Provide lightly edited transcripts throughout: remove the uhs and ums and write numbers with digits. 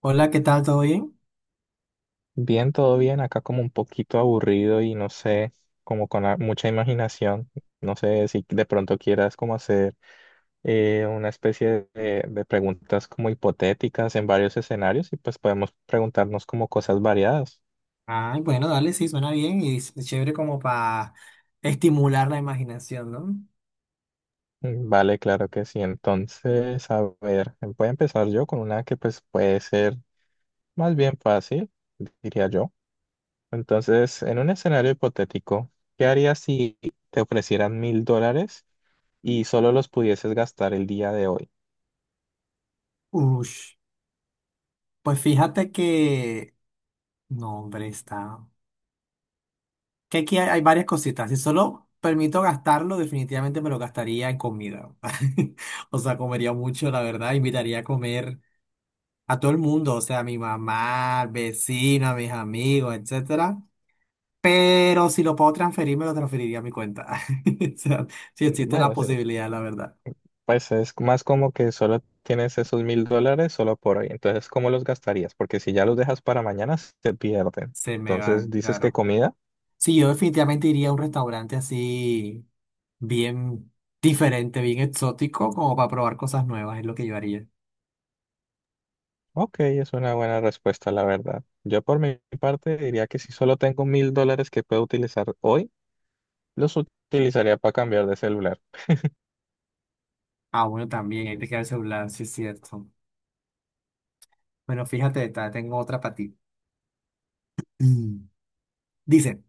Hola, ¿qué tal? ¿Todo bien? Bien, todo bien, acá como un poquito aburrido y no sé, como con mucha imaginación, no sé si de pronto quieras como hacer una especie de preguntas como hipotéticas en varios escenarios y pues podemos preguntarnos como cosas variadas. Ay, bueno, dale, sí, suena bien y es chévere como para estimular la imaginación, ¿no? Mm, vale, claro que sí. Entonces, a ver, voy a empezar yo con una que pues puede ser más bien fácil, diría yo. Entonces, en un escenario hipotético, ¿qué harías si te ofrecieran $1000, y solo los pudieses gastar el día de hoy? Ush, pues fíjate que... No, hombre, está... Que aquí hay varias cositas. Si solo permito gastarlo, definitivamente me lo gastaría en comida. O sea, comería mucho, la verdad. Invitaría a comer a todo el mundo, o sea, a mi mamá, al vecino, a mis amigos, etcétera. Pero si lo puedo transferir, me lo transferiría a mi cuenta. O sea, si existe la Bueno, sí, posibilidad, la verdad. pues es más como que solo tienes esos $1000 solo por hoy. Entonces, ¿cómo los gastarías? Porque si ya los dejas para mañana, se pierden. Se me Entonces, van, ¿dices que claro. comida? Sí, yo definitivamente iría a un restaurante así bien diferente, bien exótico, como para probar cosas nuevas, es lo que yo haría. Ok, es una buena respuesta, la verdad. Yo por mi parte diría que si solo tengo $1000 que puedo utilizar hoy, los utilizaría para cambiar de celular. Ah, bueno, también, hay que queda el celular, sí es cierto. Bueno, fíjate, tengo otra para ti. Mm. Dice,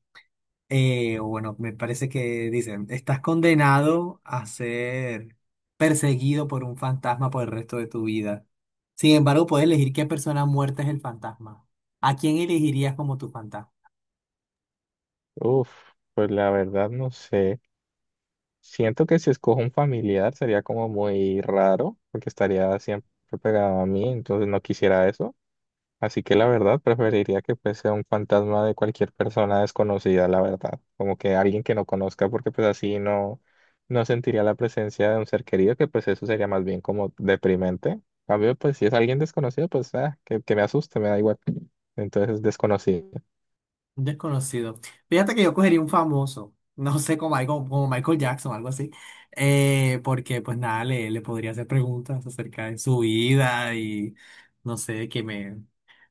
o bueno, me parece que dicen, estás condenado a ser perseguido por un fantasma por el resto de tu vida. Sin embargo, puedes elegir qué persona muerta es el fantasma. ¿A quién elegirías como tu fantasma? Uf, pues la verdad no sé. Siento que si escojo un familiar sería como muy raro, porque estaría siempre pegado a mí, entonces no quisiera eso. Así que la verdad preferiría que pues sea un fantasma de cualquier persona desconocida, la verdad. Como que alguien que no conozca, porque pues así no, no sentiría la presencia de un ser querido, que pues eso sería más bien como deprimente. En cambio, pues si es alguien desconocido, pues ah, que me asuste, me da igual. Entonces desconocido. Un desconocido. Fíjate que yo cogería un famoso, no sé, como, algo, como Michael Jackson o algo así, porque pues nada, le podría hacer preguntas acerca de su vida y no sé, que me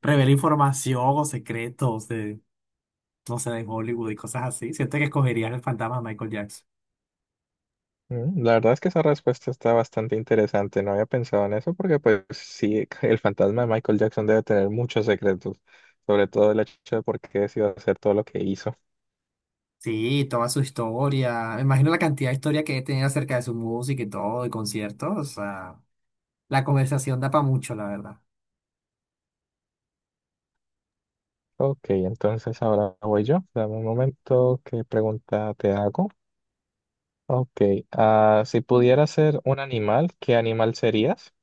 revele información o secretos de, no sé, de Hollywood y cosas así. Siento que escogería el fantasma de Michael Jackson. Mm, la verdad es que esa respuesta está bastante interesante. No había pensado en eso porque, pues, sí, el fantasma de Michael Jackson debe tener muchos secretos, sobre todo el hecho de por qué decidió hacer todo lo que hizo. Sí, toda su historia. Me imagino la cantidad de historia que he tenido acerca de su música y todo, y conciertos. O sea. La conversación da para mucho, la verdad. Ok, entonces ahora voy yo. Dame un momento, ¿qué pregunta te hago? Ok, ah, si pudieras ser un animal, ¿qué animal serías?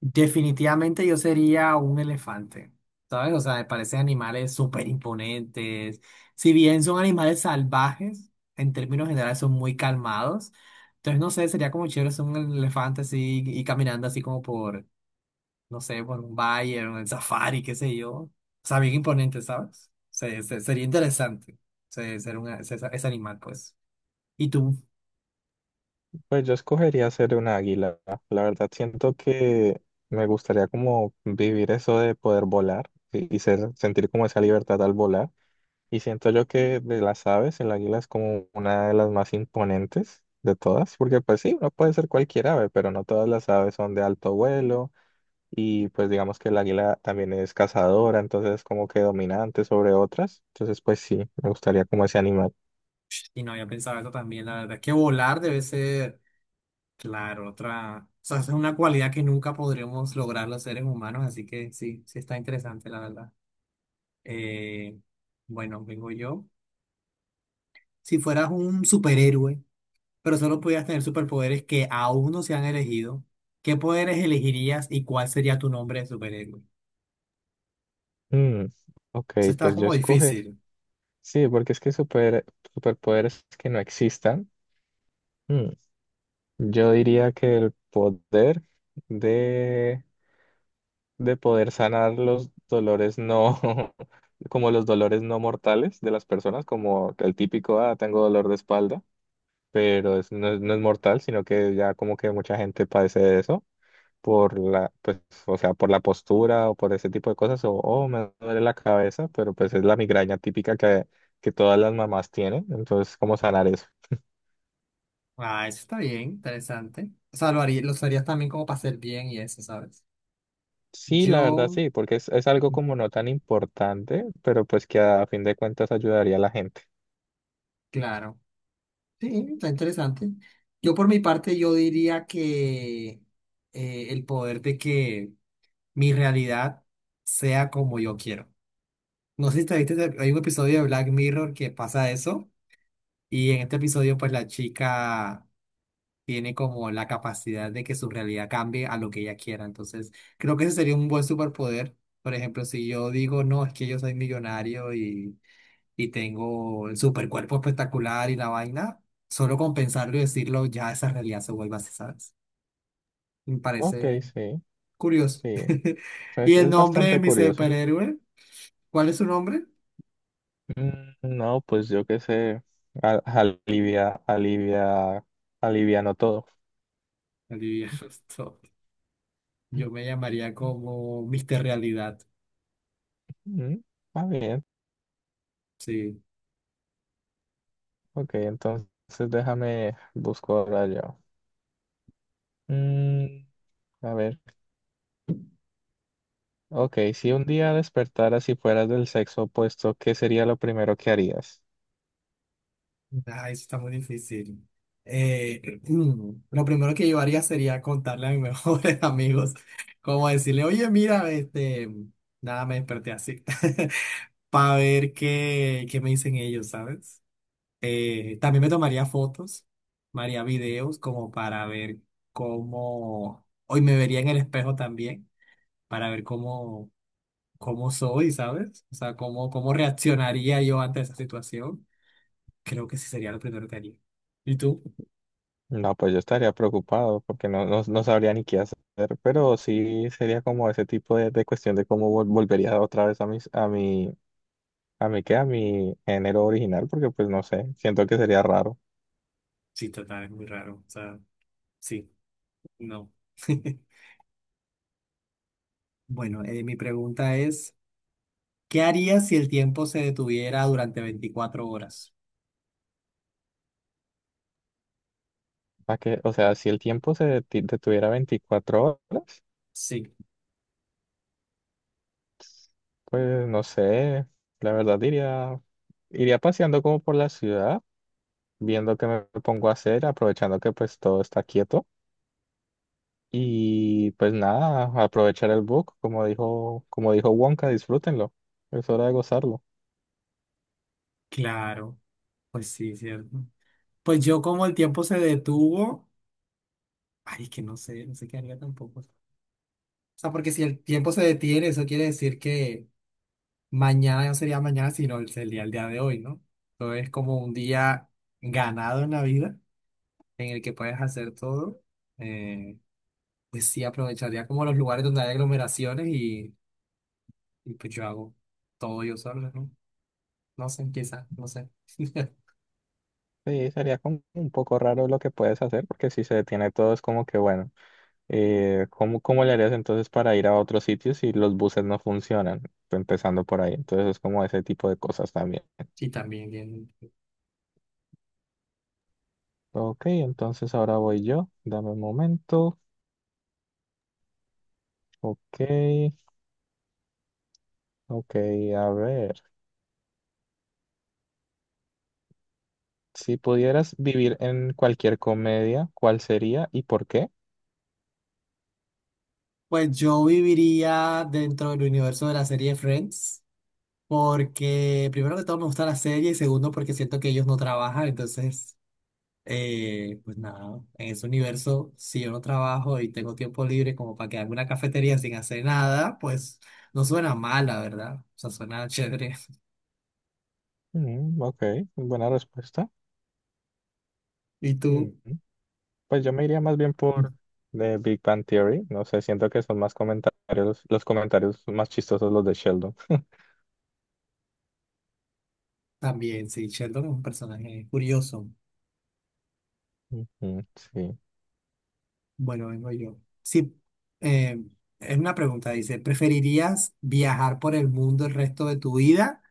Definitivamente yo sería un elefante, ¿sabes? O sea, me parecen animales súper imponentes. Si bien son animales salvajes, en términos generales son muy calmados. Entonces, no sé, sería como chévere ser un elefante así y caminando así como por, no sé, por un Bayern, el Safari, qué sé yo. O sea, bien imponente, ¿sabes? Sería interesante ser un, ese animal, pues. Y tú, Pues yo escogería ser un águila. La verdad siento que me gustaría como vivir eso de poder volar y sentir como esa libertad al volar. Y siento yo que de las aves, el águila es como una de las más imponentes de todas, porque pues sí, no puede ser cualquier ave, pero no todas las aves son de alto vuelo y pues digamos que el águila también es cazadora, entonces es como que dominante sobre otras, entonces pues sí, me gustaría como ese animal. y no había pensado eso también, la verdad, que volar debe ser, claro, otra, o sea, es una cualidad que nunca podremos lograr los seres humanos, así que sí, sí está interesante, la verdad. Eh, bueno, vengo yo. Si fueras un superhéroe, pero solo pudieras tener superpoderes que aún no se han elegido, ¿qué poderes elegirías y cuál sería tu nombre de superhéroe? Mm, ok, Eso está pues yo como escoge, difícil. sí, porque es que superpoderes que no existan. Mm, yo diría que el poder de... de poder sanar los dolores no, como los dolores no mortales de las personas, como el típico, ah, tengo dolor de espalda, pero es no es mortal, sino que ya como que mucha gente padece de eso por la, pues, o sea, por la postura o por ese tipo de cosas, o, oh, me duele la cabeza, pero pues es la migraña típica que todas las mamás tienen, entonces, ¿cómo sanar eso? Ah, eso está bien, interesante. O sea, lo haría, los harías también como para hacer bien y eso, ¿sabes? Sí, la verdad Yo, sí, porque es algo como no tan importante, pero pues que a fin de cuentas ayudaría a la gente. claro. Sí, está interesante. Yo por mi parte, yo diría que el poder de que mi realidad sea como yo quiero. No sé si te viste, hay un episodio de Black Mirror que pasa eso. Y en este episodio, pues la chica tiene como la capacidad de que su realidad cambie a lo que ella quiera. Entonces, creo que ese sería un buen superpoder. Por ejemplo, si yo digo, no, es que yo soy millonario y tengo el supercuerpo espectacular y la vaina, solo con pensarlo y decirlo, ya esa realidad se vuelve así, ¿sabes? Me Ok, parece sí. curioso. Sí, ¿Y Es, el es nombre de bastante mi curioso. superhéroe? ¿Cuál es su nombre? Mm, no, pues yo qué sé, a- alivia, alivia, aliviano todo. Olivia Stone. Yo me llamaría como Mister Realidad. Mm, va bien, Sí. ok, entonces déjame busco ahora yo. Mm, a ver, ok, si un día despertaras y fueras del sexo opuesto, ¿qué sería lo primero que harías? Ah, eso está muy difícil. Eh, lo primero que yo haría sería contarle a mis mejores amigos, como decirle, oye, mira, este, nada, me desperté así, para ver qué, qué me dicen ellos, ¿sabes? También me tomaría fotos, me haría videos como para ver cómo, hoy me vería en el espejo también, para ver cómo, cómo soy, ¿sabes? O sea, cómo, cómo reaccionaría yo ante esa situación. Creo que sí sería lo primero que haría. ¿Y tú? No, pues yo estaría preocupado porque no sabría ni qué hacer, pero sí sería como ese tipo de cuestión de cómo volvería otra vez a mis, a mi, a mí queda mi género original porque pues no sé, siento que sería raro. Sí, total, es muy raro. O sea, sí, no. Bueno, mi pregunta es, ¿qué harías si el tiempo se detuviera durante 24 horas? Más que, o sea, si el tiempo se detuviera 24 horas, Sí. pues no sé, la verdad diría, iría paseando como por la ciudad, viendo qué me pongo a hacer, aprovechando que pues todo está quieto y pues nada, aprovechar el book, como dijo Wonka, disfrútenlo, es hora de gozarlo. Claro, pues sí, cierto. Pues yo como el tiempo se detuvo, ay, es que no sé, no sé qué haría tampoco. O sea, porque si el tiempo se detiene, eso quiere decir que mañana no sería mañana, sino sería el día de hoy, ¿no? Entonces es como un día ganado en la vida, en el que puedes hacer todo. Eh, Pues sí, aprovecharía como los lugares donde hay aglomeraciones y pues yo hago todo yo solo, ¿no? No sé, quizás, no sé. Sí, sería como un poco raro lo que puedes hacer porque si se detiene todo es como que bueno. ¿Cómo, cómo le harías entonces para ir a otros sitios si los buses no funcionan? Empezando por ahí. Entonces es como ese tipo de cosas también. Y también bien. Ok, entonces ahora voy yo. Dame un momento. Ok, ok, a ver. Si pudieras vivir en cualquier comedia, ¿cuál sería y por qué? Pues yo viviría dentro del universo de la serie Friends, porque primero que todo me gusta la serie y segundo porque siento que ellos no trabajan, entonces, pues nada, en ese universo, si yo no trabajo y tengo tiempo libre como para quedarme en una cafetería sin hacer nada, pues no suena mal, la verdad. O sea, suena chévere. Mm, ok, buena respuesta. ¿Y tú? Mm, pues yo me iría más bien por The Big Bang Theory. No sé, siento que son más comentarios, los comentarios más chistosos los de Sheldon. También, sí, Sheldon es un personaje curioso. Ujú, sí. Bueno, vengo yo. Sí, eh, es una pregunta, dice, ¿preferirías viajar por el mundo el resto de tu vida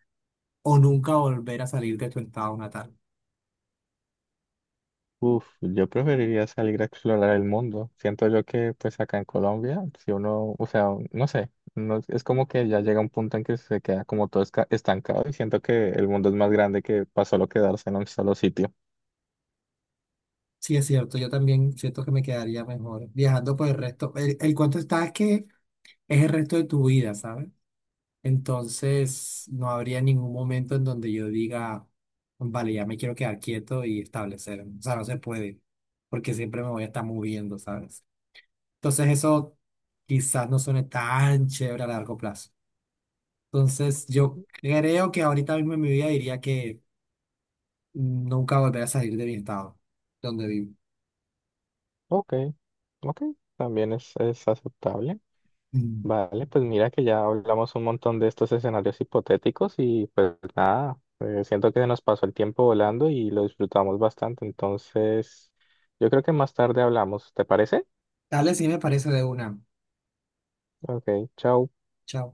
o nunca volver a salir de tu estado natal? Uf, yo preferiría salir a explorar el mundo. Siento yo que pues acá en Colombia, si uno, o sea, no sé, no, es como que ya llega un punto en que se queda como todo estancado y siento que el mundo es más grande que para solo quedarse en un solo sitio. Sí, es cierto, yo también siento que me quedaría mejor viajando por el resto. El cuento está es que es el resto de tu vida, ¿sabes? Entonces, no habría ningún momento en donde yo diga, vale, ya me quiero quedar quieto y establecer. O sea, no se puede, porque siempre me voy a estar moviendo, ¿sabes? Entonces eso quizás no suene tan chévere a largo plazo. Entonces yo creo que ahorita mismo en mi vida diría que nunca volveré a salir de mi estado donde vivo. Ok, ok, también es aceptable. Mm. Vale, pues mira que ya hablamos un montón de estos escenarios hipotéticos y pues nada, siento que se nos pasó el tiempo volando y lo disfrutamos bastante, entonces yo creo que más tarde hablamos, ¿te parece? Dale, sí me parece de una. Ok, chao. Chao.